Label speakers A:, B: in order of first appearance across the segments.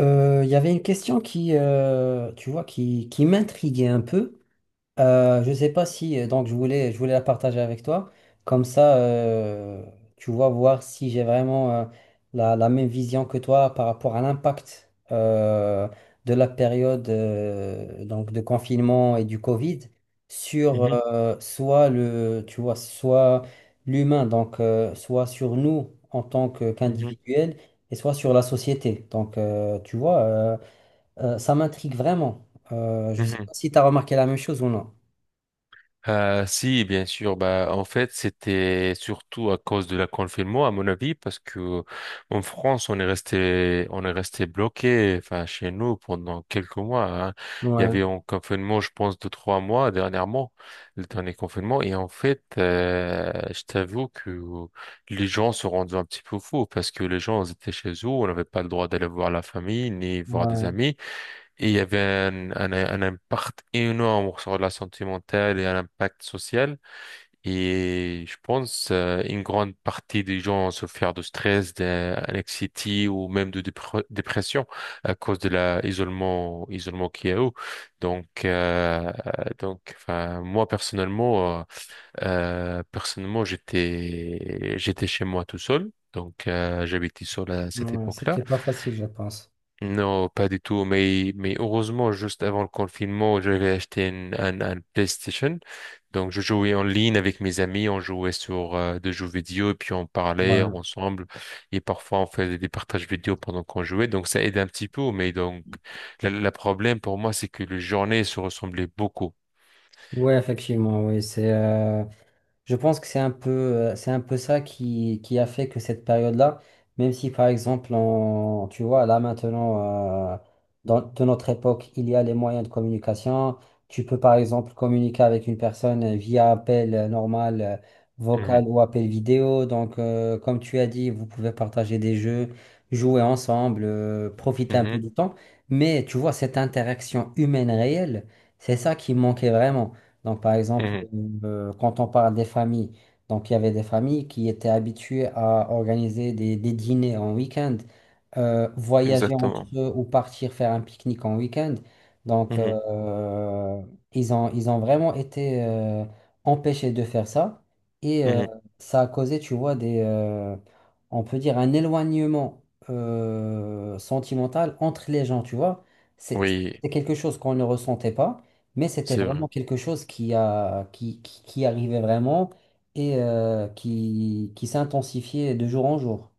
A: Il y avait une question qui, tu vois, qui m'intriguait un peu. Je sais pas si donc je voulais la partager avec toi comme ça tu vois voir si j'ai vraiment la même vision que toi par rapport à l'impact de la période donc de confinement et du Covid sur
B: Mhm,
A: soit le tu vois soit l'humain donc soit sur nous en tant que
B: mhm,
A: qu'individuel et soit sur la société donc ça m'intrigue vraiment. Je sais
B: mhm.
A: pas si tu as remarqué la même chose ou non.
B: Ah, si, bien sûr. Bah, en fait, c'était surtout à cause de la confinement, à mon avis, parce que en France, on est resté bloqué, enfin, chez nous pendant quelques mois. Hein. Il y
A: Ouais,
B: avait un confinement, je pense, de 3 mois dernièrement, le dernier confinement. Et en fait, je t'avoue que les gens se rendaient un petit peu fous parce que les gens ils étaient chez eux, on n'avait pas le droit d'aller voir la famille ni voir des
A: ouais,
B: amis. Et il y avait un impact énorme sur la santé mentale et un impact social. Et je pense une grande partie des gens ont souffert de stress, d'anxiété ou même de dépression à cause de l'isolement isolement qu'il y a eu. Donc, euh, donc, enfin, moi personnellement, personnellement j'étais chez moi tout seul. Donc, j'habitais seul à cette
A: ouais,
B: époque-là.
A: c'était pas facile, je pense.
B: Non, pas du tout. Mais heureusement, juste avant le confinement, j'avais acheté un PlayStation. Donc, je jouais en ligne avec mes amis. On jouait sur des jeux vidéo et puis on parlait
A: Ouais,
B: ensemble. Et parfois, on faisait des partages vidéo pendant qu'on jouait. Donc, ça aide un petit peu. Mais donc, le problème pour moi, c'est que les journées se ressemblaient beaucoup.
A: ouais, effectivement, oui, c'est je pense que c'est un peu ça qui a fait que cette période-là, même si par exemple, tu vois, là maintenant, dans, de notre époque, il y a les moyens de communication. Tu peux par exemple communiquer avec une personne via appel normal,
B: Mhm,
A: vocal ou appel vidéo. Donc, comme tu as dit, vous pouvez partager des jeux, jouer ensemble, profiter un peu
B: mhm,
A: du temps. Mais tu vois, cette interaction humaine réelle, c'est ça qui manquait vraiment. Donc, par exemple,
B: mhm.
A: quand on parle des familles, donc il y avait des familles qui étaient habituées à organiser des dîners en week-end, voyager entre
B: Exactement.
A: eux ou partir faire un pique-nique en week-end. Donc,
B: Mhm,
A: ils ont vraiment été empêchés de faire ça. Et
B: mhm.
A: ça a causé, tu vois, on peut dire un éloignement sentimental entre les gens, tu vois. C'est
B: Oui,
A: c'est quelque chose qu'on ne ressentait pas. Mais c'était
B: c'est vrai.
A: vraiment quelque chose qui arrivait vraiment et qui s'intensifiait de jour en jour.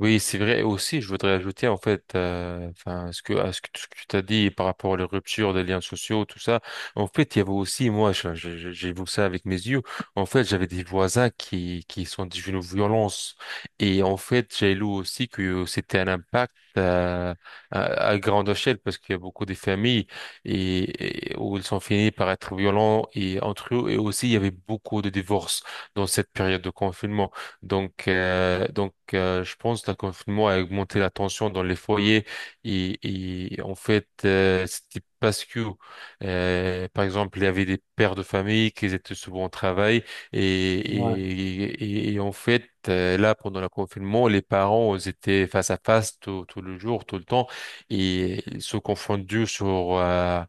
B: Oui, c'est vrai. Et aussi, je voudrais ajouter, en fait, enfin, ce que, à ce que, tout ce que tu as dit par rapport aux ruptures des liens sociaux, tout ça. En fait, il y avait aussi, moi, j'ai vu ça avec mes yeux. En fait, j'avais des voisins qui sont devenus violents. Et en fait, j'ai lu aussi que c'était un impact, à grande échelle parce qu'il y a beaucoup de familles et où ils sont finis par être violents et entre eux. Et aussi, il y avait beaucoup de divorces dans cette période de confinement. Donc, je pense que le confinement a augmenté la tension dans les foyers et en fait, c'était parce que, par exemple, il y avait des pères de famille qui étaient souvent au travail et,
A: Ouais,
B: et, et en fait, là, pendant le confinement, les parents ils étaient face à face tout le jour, tout le temps et ils se confondaient sur... euh,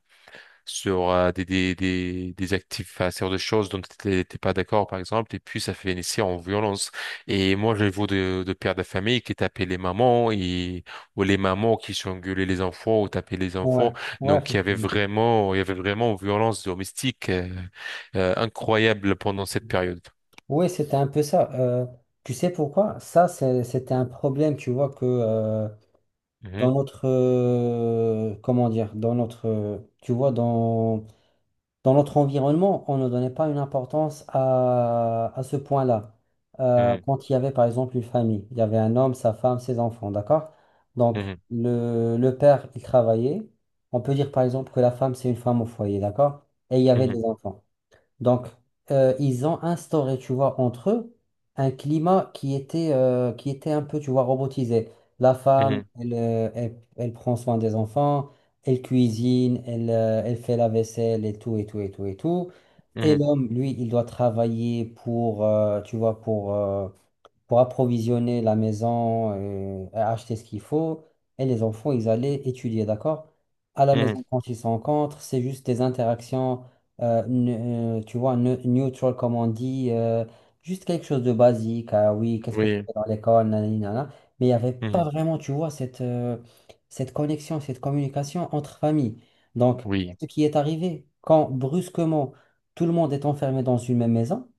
B: sur euh, des actifs, enfin, sur des choses dont tu n'étais pas d'accord, par exemple, et puis ça fait finissait en violence. Et moi, je vois de pères de famille qui tapaient les mamans, ou les mamans qui s'engueulaient les enfants, ou tapaient les
A: ouais,
B: enfants.
A: ouais,
B: Donc, il y avait
A: effectivement.
B: vraiment, il y avait vraiment une violence domestique incroyable pendant cette période.
A: Ouais, c'était un peu ça. Tu sais pourquoi? Ça, c'était un problème, tu vois, que dans
B: Mhm,
A: notre, comment dire, dans notre, tu vois, dans notre environnement, on ne donnait pas une importance à ce point-là.
B: mhm,
A: Quand il y avait par exemple une famille, il y avait un homme, sa femme, ses enfants, d'accord? Donc le père, il travaillait. On peut dire par exemple que la femme, c'est une femme au foyer, d'accord? Et il y avait
B: mhm,
A: des enfants. Donc, ils ont instauré, tu vois, entre eux, un climat qui était un peu, tu vois, robotisé. La femme,
B: mhm,
A: elle, elle, elle prend soin des enfants, elle cuisine, elle, elle fait la vaisselle et tout, et tout, et tout, et tout. Et
B: mhm,
A: l'homme, lui, il doit travailler pour, tu vois, pour approvisionner la maison, et acheter ce qu'il faut, et les enfants, ils allaient étudier, d'accord? À la
B: mhm, mhm.
A: maison, quand ils se rencontrent, c'est juste des interactions, tu vois, neutral, comme on dit, juste quelque chose de basique. Ah oui, qu'est-ce que tu
B: Oui,
A: fait dans l'école, nanani, nanana. Mais il n'y avait pas
B: mhm,
A: vraiment, tu vois, cette, cette connexion, cette communication entre familles. Donc,
B: oui,
A: ce qui est arrivé, quand brusquement, tout le monde est enfermé dans une même maison,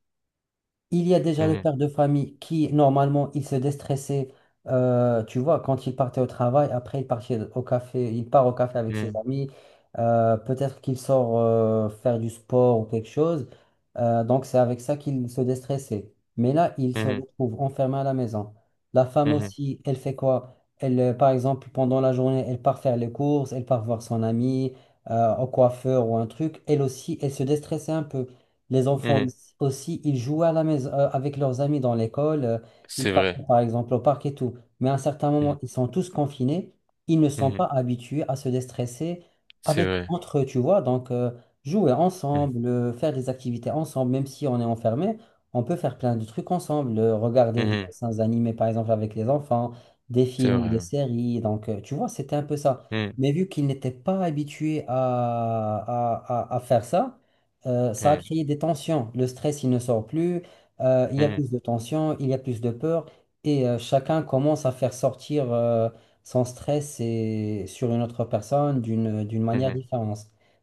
A: il y a déjà le
B: mhm,
A: père de famille qui, normalement, il se déstressait, tu vois, quand il partait au travail. Après, il partait au café, il part au café avec ses
B: mhm,
A: amis. Peut-être qu'il sort faire du sport ou quelque chose. Donc, c'est avec ça qu'il se déstressait. Mais là, il se
B: mhm,
A: retrouve enfermé à la maison. La femme
B: mhm,
A: aussi, elle fait quoi? Elle, par exemple, pendant la journée, elle part faire les courses, elle part voir son ami, au coiffeur ou un truc. Elle aussi, elle se déstressait un peu. Les enfants
B: mhm.
A: ici aussi, ils jouent à la maison, avec leurs amis dans l'école, ils
B: C'est
A: partent
B: vrai.
A: par exemple au parc et tout. Mais à un certain moment,
B: Mhm,
A: ils sont tous confinés, ils ne sont pas
B: mhm.
A: habitués à se déstresser
B: C'est
A: avec
B: vrai.
A: entre eux, tu vois. Donc, jouer
B: Mhm.
A: ensemble, faire des activités ensemble, même si on est enfermé, on peut faire plein de trucs ensemble, regarder des
B: Mhm.
A: dessins animés par exemple avec les enfants, des
B: C'est
A: films ou des
B: vrai.
A: séries. Donc, tu vois, c'était un peu ça.
B: Mhm.
A: Mais vu qu'ils n'étaient pas habitués à, à faire ça, ça a
B: Mhm.
A: créé des tensions. Le stress, il ne sort plus. Il y a
B: Mhm.
A: plus de tensions, il y a plus de peur. Et chacun commence à faire sortir son stress et, sur une autre personne d'une manière
B: Mhm.
A: différente.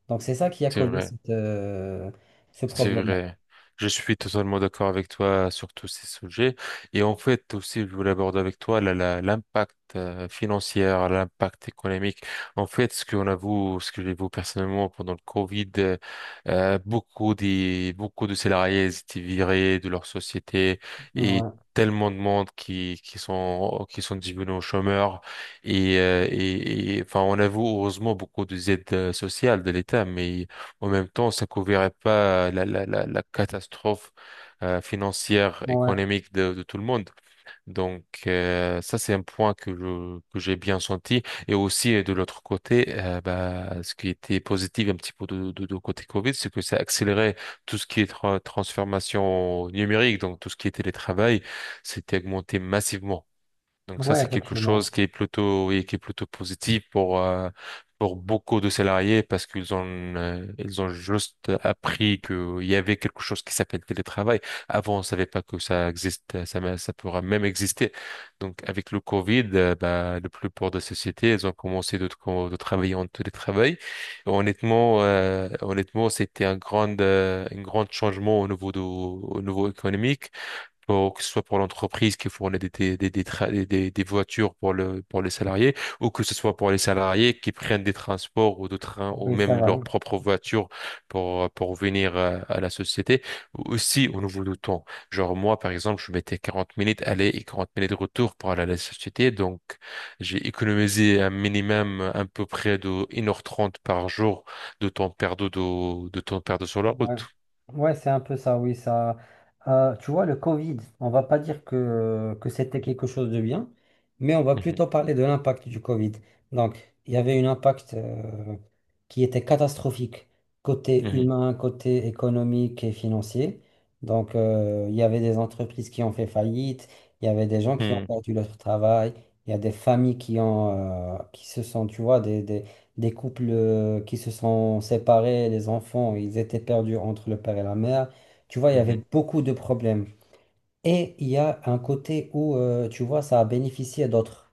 A: Donc, c'est ça qui a
B: C'est
A: causé
B: vrai.
A: cette, ce
B: C'est
A: problème-là.
B: vrai. Je suis totalement d'accord avec toi sur tous ces sujets. Et en fait, aussi, je voulais aborder avec toi l'impact financier, l'impact économique. En fait, ce qu'on a vu, ce que j'ai vu personnellement pendant le Covid, beaucoup de salariés étaient virés de leur société et
A: Ouais,
B: tellement de monde qui sont devenus chômeurs. Et, enfin, on a vu, heureusement, beaucoup des aides sociales de l'État, mais en même temps, ça couvrirait pas la catastrophe financière,
A: ouais,
B: économique de tout le monde. Donc, ça, c'est un point que que j'ai bien senti. Et aussi, de l'autre côté, bah, ce qui était positif un petit peu de côté Covid, c'est que ça accélérait tout ce qui est transformation numérique, donc tout ce qui est télétravail, c'était augmenté massivement. Donc ça,
A: ouais,
B: c'est quelque chose
A: effectivement.
B: qui est plutôt, oui, qui est plutôt positif pour beaucoup de salariés parce qu'ils ont, ils ont juste appris qu'il y avait quelque chose qui s'appelle télétravail. Avant, on savait pas que ça existe, ça pourra même exister. Donc, avec le Covid, bah, le plus pour des sociétés, elles ont commencé de travailler en télétravail. Honnêtement, c'était un grand changement au niveau économique pour, que ce soit pour l'entreprise qui fournit des, tra- des voitures pour les salariés, ou que ce soit pour les salariés qui prennent des transports ou de trains ou
A: Oui, ça
B: même
A: va.
B: leur propre voiture pour venir à la société. Aussi, au niveau du temps. Genre, moi, par exemple, je mettais 40 minutes aller et 40 minutes retour pour aller à la société. Donc, j'ai économisé un minimum à peu près de 1h30 par jour de temps perdu, de temps perdu sur la
A: Ouais,
B: route.
A: Ouais, c'est un peu ça, oui, ça. Tu vois, le Covid, on va pas dire que c'était quelque chose de bien, mais on va
B: Mhm,
A: plutôt parler de l'impact du Covid. Donc, il y avait un impact qui était catastrophique, côté
B: mhm,
A: humain, côté économique et financier. Donc, il y avait des entreprises qui ont fait faillite, il y avait des gens qui ont
B: mhm,
A: perdu leur travail, il y a des familles qui ont, qui se sont, tu vois, des couples qui se sont séparés, les enfants, ils étaient perdus entre le père et la mère. Tu vois, il y avait beaucoup de problèmes. Et il y a un côté où, tu vois, ça a bénéficié d'autres.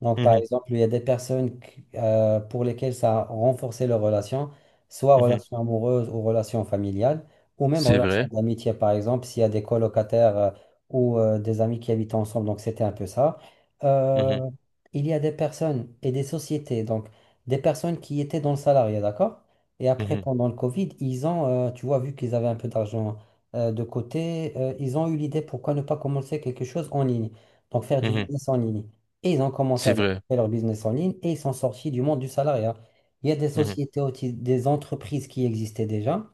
A: Donc,
B: mhm,
A: par
B: mhm,
A: exemple, il y a des personnes pour lesquelles ça a renforcé leur relation, soit
B: mhm.
A: relation amoureuse ou relation familiale, ou même
B: C'est
A: relation
B: vrai.
A: d'amitié, par exemple, s'il y a des colocataires ou des amis qui habitent ensemble. Donc, c'était un peu ça. Euh,
B: Mhm,
A: il y a des personnes et des sociétés, donc des personnes qui étaient dans le salariat, d'accord? Et après,
B: mhm,
A: pendant le Covid, ils ont, tu vois, vu qu'ils avaient un peu d'argent de côté, ils ont eu l'idée pourquoi ne pas commencer quelque chose en ligne, donc faire du
B: mhm.
A: business en ligne. Et ils ont commencé à
B: C'est vrai.
A: développer leur business en ligne et ils sont sortis du monde du salariat. Il y a des
B: Mhm,
A: sociétés, des entreprises qui existaient déjà,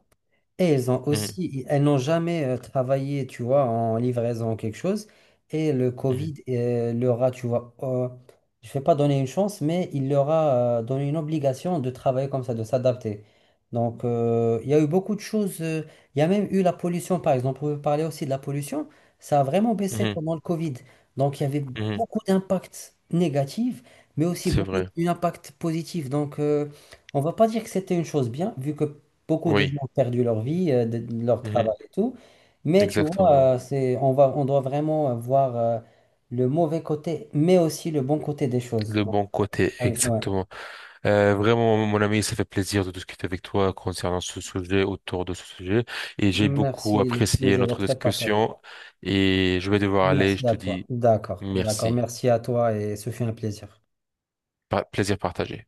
A: et elles ont
B: mhm,
A: aussi, elles n'ont jamais travaillé, tu vois, en livraison ou quelque chose. Et le Covid
B: mhm,
A: euh, leur a, tu vois, je ne vais pas donner une chance, mais il leur a donné une obligation de travailler comme ça, de s'adapter. Donc, il y a eu beaucoup de choses. Il y a même eu la pollution, par exemple. On peut parler aussi de la pollution. Ça a vraiment baissé
B: mhm,
A: pendant le Covid. Donc, il y avait
B: mhm.
A: beaucoup d'impacts négatifs, mais aussi
B: C'est
A: beaucoup
B: vrai.
A: d'impacts positifs. Donc, on ne va pas dire que c'était une chose bien, vu que beaucoup de gens
B: Oui.
A: ont perdu leur vie, de leur
B: Mhm.
A: travail et tout. Mais tu vois,
B: Exactement.
A: c'est, on va, on doit vraiment voir le mauvais côté, mais aussi le bon côté des choses.
B: Le
A: Donc,
B: bon côté,
A: ouais. Ouais.
B: exactement. Vraiment, mon ami, ça fait plaisir de discuter avec toi concernant ce sujet, autour de ce sujet. Et j'ai beaucoup
A: Merci, le
B: apprécié
A: plaisir est
B: notre
A: très partagé.
B: discussion. Et je vais devoir aller.
A: Merci
B: Je te
A: à toi.
B: dis
A: D'accord, d'accord.
B: merci.
A: Merci à toi et ce fut un plaisir.
B: Plaisir partagé.